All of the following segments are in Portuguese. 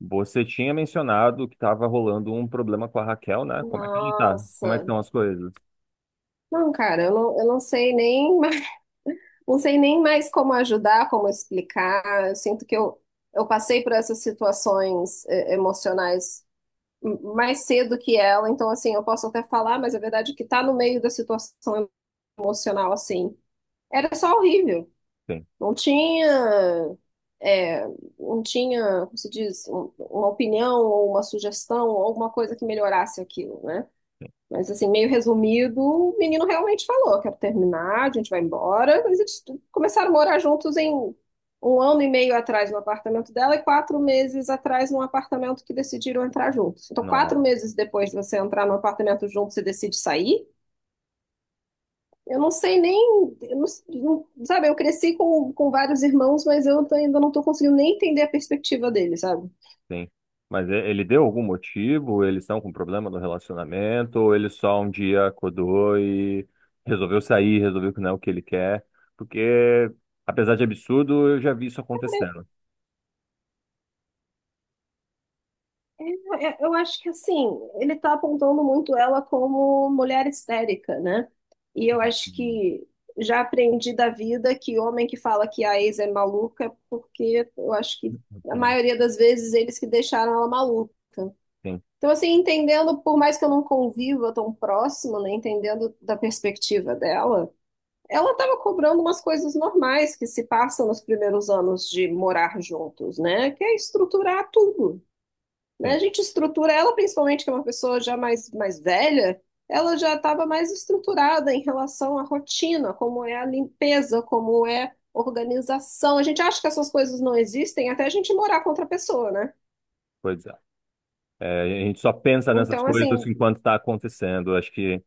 Você tinha mencionado que estava rolando um problema com a Raquel, né? Como é que ela tá? Como é que Nossa. estão as coisas? Não, cara, eu não sei nem mais, não sei nem mais como ajudar, como explicar. Eu sinto que eu passei por essas situações emocionais mais cedo que ela, então assim, eu posso até falar, mas a verdade é que tá no meio da situação emocional assim. Era só horrível. Sim, Não tinha, eh, não tinha, como se diz, uma opinião ou uma sugestão ou alguma coisa que melhorasse aquilo, né? sim. Mas assim, meio resumido, o menino realmente falou: quero terminar, a gente vai embora. Mas eles começaram a morar juntos em 1 ano e meio atrás no apartamento dela e 4 meses atrás num apartamento que decidiram entrar juntos. Então, quatro Nossa, meses depois de você entrar no apartamento junto, você decide sair. Eu não sei nem. Eu não- não- sabe, eu cresci com vários irmãos, mas eu tô- ainda não estou conseguindo nem entender a perspectiva deles, sabe? sim. Mas ele deu algum motivo? Eles estão com problema no relacionamento? Ou ele só um dia acordou e resolveu sair, resolveu que não é o que ele quer? Porque, apesar de absurdo, eu já vi isso acontecendo. É, é, eu acho que assim, ele está apontando muito ela como mulher histérica, né? E eu acho Uhum, que já aprendi da vida que homem que fala que a ex é maluca, é porque eu acho que a uhum, maioria das vezes eles que deixaram ela maluca. sim, Então, assim, entendendo, por mais que eu não conviva tão próximo, né? Entendendo da perspectiva dela, ela estava cobrando umas coisas normais que se passam nos primeiros anos de morar juntos, né? Que é estruturar tudo, né? A sim. gente estrutura ela, principalmente que é uma pessoa já mais, mais velha, ela já estava mais estruturada em relação à rotina, como é a limpeza, como é organização. A gente acha que essas coisas não existem até a gente morar com outra pessoa, né? Pois é. É, a gente só pensa nessas Então, coisas assim, enquanto está acontecendo. Acho que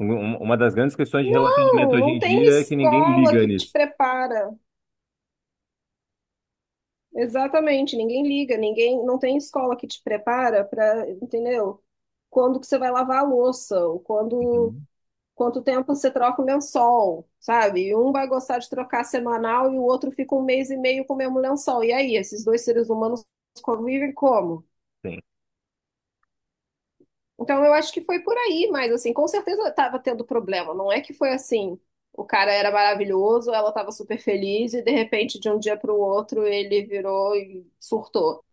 Uma das grandes questões de relacionamento não, hoje não em tem dia é que ninguém escola liga que te nisso. prepara. Exatamente, ninguém liga, ninguém, não tem escola que te prepara para, entendeu? Quando que você vai lavar a louça, ou quando Uhum. quanto tempo você troca o lençol, sabe? E um vai gostar de trocar semanal e o outro fica 1 mês e meio com o mesmo lençol. E aí, esses dois seres humanos convivem como? Sim, Então, eu acho que foi por aí, mas assim, com certeza estava tendo problema. Não é que foi assim, o cara era maravilhoso, ela estava super feliz e de repente, de um dia para o outro, ele virou e surtou.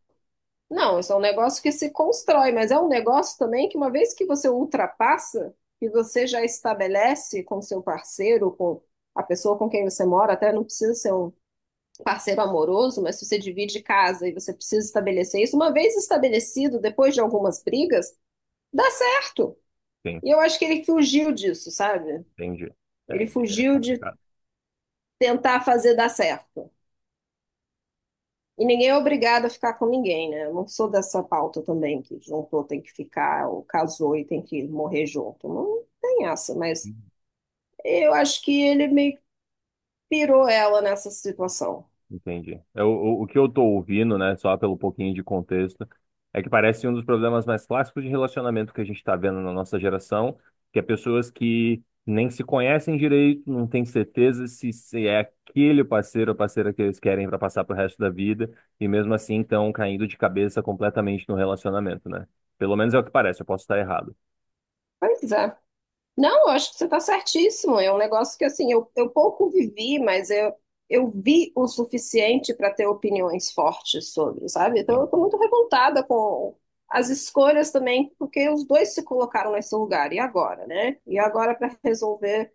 Não, isso é um negócio que se constrói, mas é um negócio também que uma vez que você ultrapassa, que você já estabelece com seu parceiro, com a pessoa com quem você mora, até não precisa ser um parceiro amoroso, mas se você divide casa e você precisa estabelecer isso, uma vez estabelecido, depois de algumas brigas, dá certo. sim, E eu acho que ele fugiu disso, sabe? entendi. Ele É, é fugiu de complicado. tentar fazer dar certo. E ninguém é obrigado a ficar com ninguém, né? Eu não sou dessa pauta também, que juntou tem que ficar, ou casou e tem que morrer junto. Não tem essa, mas eu acho que ele meio que pirou ela nessa situação. Entendi. O que eu tô ouvindo, né, só pelo pouquinho de contexto, é que parece um dos problemas mais clássicos de relacionamento que a gente tá vendo na nossa geração, que é pessoas que nem se conhecem direito, não têm certeza se é aquele parceiro ou parceira que eles querem para passar pro resto da vida, e mesmo assim estão caindo de cabeça completamente no relacionamento, né? Pelo menos é o que parece, eu posso estar errado. Pois é. Não, eu acho que você está certíssimo. É um negócio que, assim, eu pouco vivi, mas eu vi o suficiente para ter opiniões fortes sobre, sabe? Então eu Sim. estou muito revoltada com as escolhas também, porque os dois se colocaram nesse lugar. E agora, né? E agora para resolver,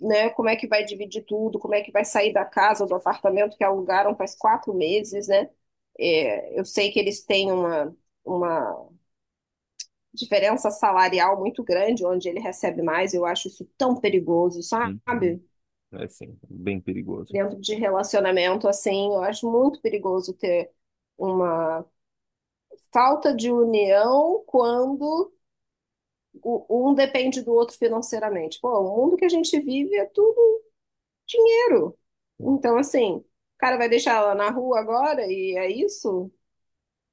né? Como é que vai dividir tudo? Como é que vai sair da casa, do apartamento que alugaram faz 4 meses, né? É, eu sei que eles têm uma diferença salarial muito grande, onde ele recebe mais. Eu acho isso tão perigoso, Hum. Uhum. sabe? É sim, bem perigoso. Dentro de relacionamento, assim, eu acho muito perigoso ter uma falta de união quando um depende do outro financeiramente. Pô, o mundo que a gente vive é tudo dinheiro. Então, assim, o cara vai deixar ela na rua agora e é isso?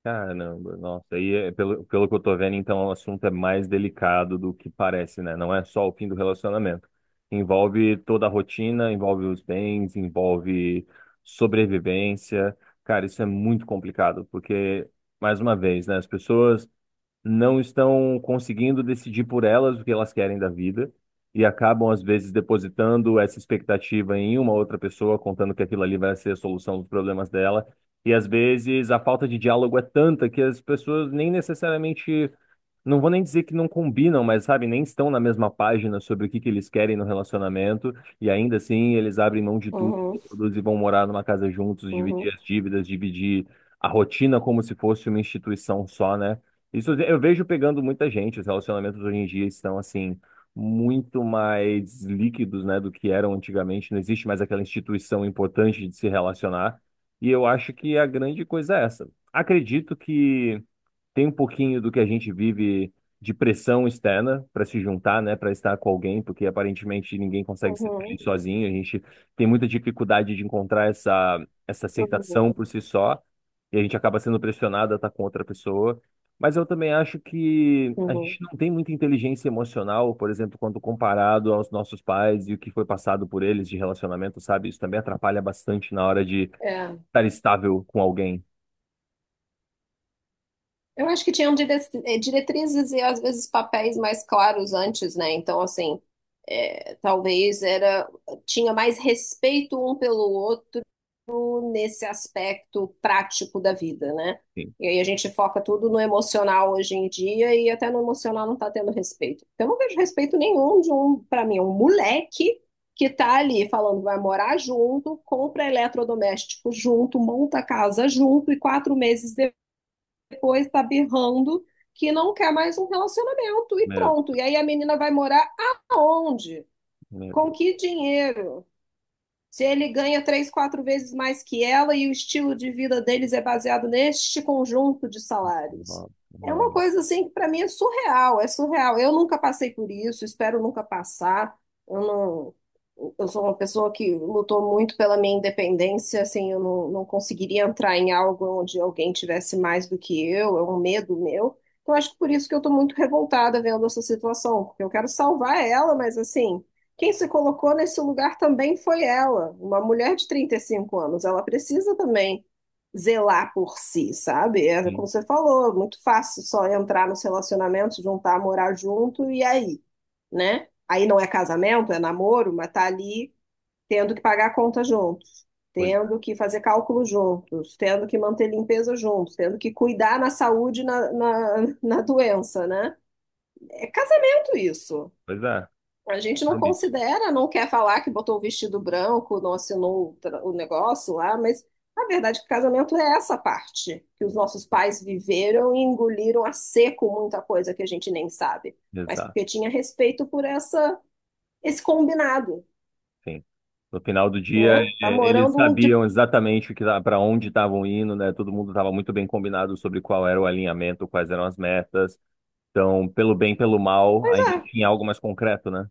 Caramba, nossa, pelo que eu tô vendo, então o assunto é mais delicado do que parece, né? Não é só o fim do relacionamento. Envolve toda a rotina, envolve os bens, envolve sobrevivência. Cara, isso é muito complicado, porque, mais uma vez, né? As pessoas não estão conseguindo decidir por elas o que elas querem da vida e acabam, às vezes, depositando essa expectativa em uma outra pessoa, contando que aquilo ali vai ser a solução dos problemas dela. E, às vezes, a falta de diálogo é tanta que as pessoas nem necessariamente não vou nem dizer que não combinam, mas sabe, nem estão na mesma página sobre o que que eles querem no relacionamento, e ainda assim eles abrem mão de tudo, se Uhum, reproduzem e vão morar numa casa juntos, uhum, dividir as dívidas, dividir a rotina como se fosse uma instituição só, né? Isso eu vejo pegando muita gente, os relacionamentos hoje em dia estão assim muito mais líquidos, né, do que eram antigamente, não existe mais aquela instituição importante de se relacionar, e eu acho que a grande coisa é essa. Acredito que tem um pouquinho do que a gente vive de pressão externa para se juntar, né, para estar com alguém, porque aparentemente ninguém consegue ser uhum, feliz sozinho. A gente tem muita dificuldade de encontrar essa aceitação uhum, por si só, e a gente acaba sendo pressionado a estar com outra pessoa. Mas eu também acho que a uhum. gente não tem muita inteligência emocional, por exemplo, quando comparado aos nossos pais e o que foi passado por eles de relacionamento, sabe? Isso também atrapalha bastante na hora de É. estar estável com alguém. Eu acho que tinham eh, diretrizes e às vezes papéis mais claros antes, né? Então, assim, é, talvez era tinha mais respeito um pelo outro nesse aspecto prático da vida, né? Sim. E aí a gente foca tudo no emocional hoje em dia e até no emocional não está tendo respeito. Eu não vejo respeito nenhum de um, para mim, um moleque que tá ali falando que vai morar junto, compra eletrodoméstico junto, monta casa junto e 4 meses depois tá berrando que não quer mais um relacionamento e Meu, pronto. E aí a menina vai morar aonde? meu Com Deus. que dinheiro? Se ele ganha três, quatro vezes mais que ela e o estilo de vida deles é baseado neste conjunto de salários. Não, É uma não. coisa assim que para mim é surreal, é surreal. Eu nunca passei por isso, espero nunca passar. Eu não, eu sou uma pessoa que lutou muito pela minha independência, assim, eu não, não conseguiria entrar em algo onde alguém tivesse mais do que eu, é um medo meu. Então acho que por isso que eu estou muito revoltada vendo essa situação, porque eu quero salvar ela, mas assim quem se colocou nesse lugar também foi ela, uma mulher de 35 anos. Ela precisa também zelar por si, sabe? É como Sim, você falou, muito fácil só entrar nos relacionamentos, juntar, morar junto e aí, né? Aí não é casamento, é namoro, mas tá ali tendo que pagar a conta juntos, pois, tendo que fazer cálculo juntos, tendo que manter limpeza juntos, tendo que cuidar na saúde e na doença, né? É casamento isso. pois é, A gente não compromisso. considera, não quer falar que botou o vestido branco, não assinou o o negócio lá, mas a verdade é que casamento é essa parte, que os nossos pais viveram e engoliram a seco muita coisa que a gente nem sabe, mas Exato, porque tinha respeito por essa esse combinado, sim. No final do dia, né? é, Tá eles morando um de... sabiam exatamente para onde estavam indo, né? Todo mundo estava muito bem combinado sobre qual era o alinhamento, quais eram as metas. Então, pelo bem, pelo mal, Pois ainda é, tinha algo mais concreto, né?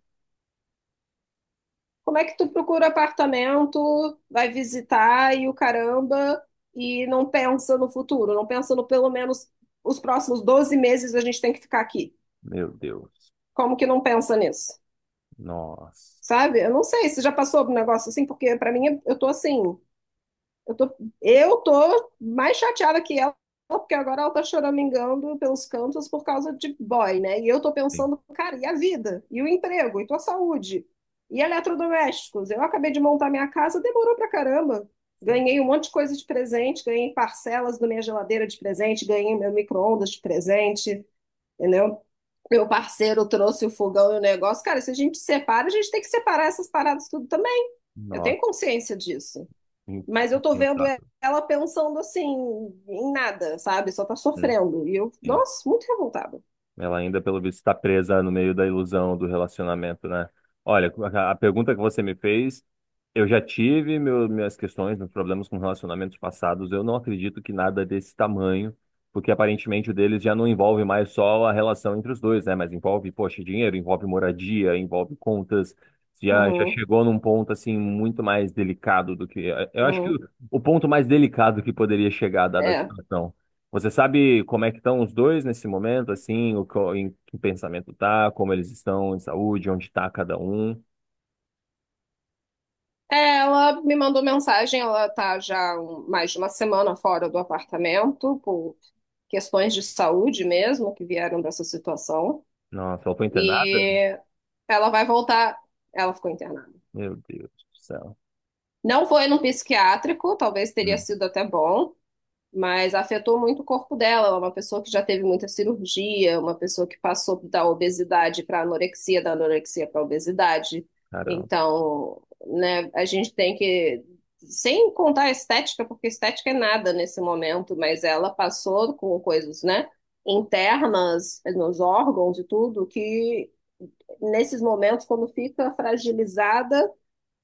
como é que tu procura apartamento, vai visitar e o caramba, e não pensa no futuro, não pensa no pelo menos os próximos 12 meses a gente tem que ficar aqui. Meu Deus. Como que não pensa nisso? Nossa. Sabe? Eu não sei se já passou um negócio assim, porque pra mim eu tô assim, eu tô, eu tô mais chateada que ela, porque agora ela tá choramingando pelos cantos por causa de boy, né? E eu tô Sim, pensando, cara, e a vida? E o emprego? E tua saúde? E eletrodomésticos? Eu acabei de montar minha casa, demorou pra caramba. sim. Ganhei um monte de coisa de presente, ganhei parcelas da minha geladeira de presente, ganhei meu micro-ondas de presente, entendeu? Meu parceiro trouxe o fogão e o negócio. Cara, se a gente separa, a gente tem que separar essas paradas tudo também. Eu Nossa. tenho consciência disso. Mas eu tô vendo Impensável. ela pensando assim, em nada, sabe? Só tá Hum, sofrendo. E eu, sim. nossa, muito revoltada. Ela ainda, pelo visto, está presa no meio da ilusão do relacionamento, né? Olha, a pergunta que você me fez. Eu já tive minhas questões, meus problemas com relacionamentos passados. Eu não acredito que nada desse tamanho, porque aparentemente o deles já não envolve mais só a relação entre os dois, né? Mas envolve, poxa, dinheiro, envolve moradia, envolve contas. Já, já Uhum, chegou num ponto assim muito mais delicado do que. Eu acho que o, uhum. o ponto mais delicado que poderia chegar, dada a É. situação. Você sabe como é que estão os dois nesse momento, assim, em que pensamento tá, como eles estão em saúde, onde está cada um? É, ela me mandou mensagem, ela tá já mais de uma semana fora do apartamento, por questões de saúde mesmo, que vieram dessa situação. Nossa, ela foi internada? E ela vai voltar. Ela ficou internada. Meu Deus do céu. Não foi num psiquiátrico, talvez teria Hum, sido até bom, mas afetou muito o corpo dela. Ela é uma pessoa que já teve muita cirurgia, uma pessoa que passou da obesidade para anorexia, da anorexia para obesidade. caramba. Então, né, a gente tem que, sem contar a estética, porque estética é nada nesse momento, mas ela passou com coisas, né, internas nos órgãos e tudo, que nesses momentos, quando fica fragilizada,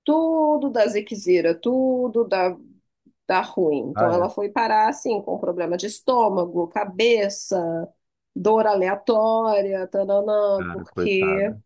tudo da ziquezira, tudo da ruim. Ah, Então é, ela foi parar assim, com problema de estômago, cabeça, dor aleatória, tananã, cara, porque coitada.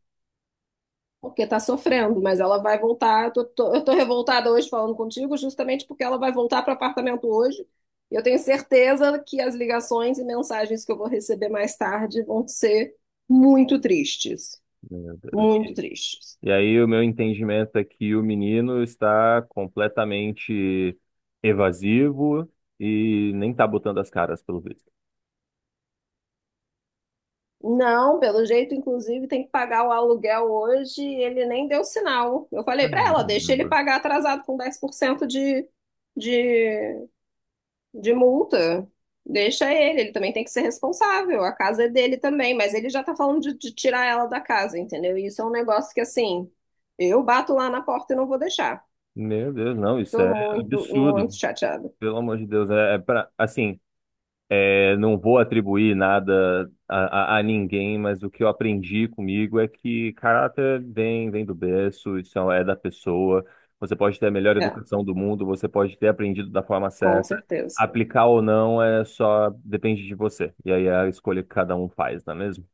porque tá sofrendo, mas ela vai voltar. Eu tô revoltada hoje falando contigo, justamente porque ela vai voltar para o apartamento hoje. E eu tenho certeza que as ligações e mensagens que eu vou receber mais tarde vão ser muito tristes, Meu Deus. muito tristes. E aí, o meu entendimento é que o menino está completamente evasivo e nem tá botando as caras, pelo visto. Não, pelo jeito, inclusive, tem que pagar o aluguel hoje. E ele nem deu sinal. Eu falei para Caramba. ela, deixa ele pagar atrasado com 10% de, de multa. Deixa ele, ele também tem que ser responsável. A casa é dele também, mas ele já tá falando de tirar ela da casa, entendeu? E isso é um negócio que, assim, eu bato lá na porta e não vou deixar. Meu Deus, não, isso Tô é muito, muito absurdo. chateada. Pelo amor de Deus, é, é pra, assim, é, não vou atribuir nada a, a ninguém, mas o que eu aprendi comigo é que caráter vem, vem do berço, isso é da pessoa. Você pode ter a melhor É, educação do mundo, você pode ter aprendido da forma com certa. certeza. Aplicar ou não é só depende de você. E aí é a escolha que cada um faz, não é mesmo?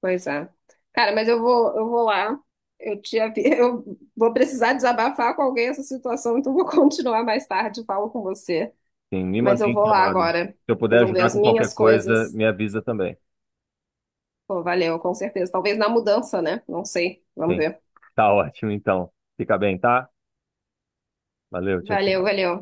Pois é. Cara, mas eu vou lá. Eu te avi... eu vou precisar desabafar com alguém essa situação, então vou continuar mais tarde, falo com você. Sim, me Mas mantém eu vou lá informado. agora Se eu puder resolver ajudar as com qualquer minhas coisa, coisas. me avisa também. Pô, valeu, com certeza. Talvez na mudança, né? Não sei. Vamos Sim, ver. tá ótimo então. Fica bem, tá? Valeu, tchau, Valeu, tchau. valeu.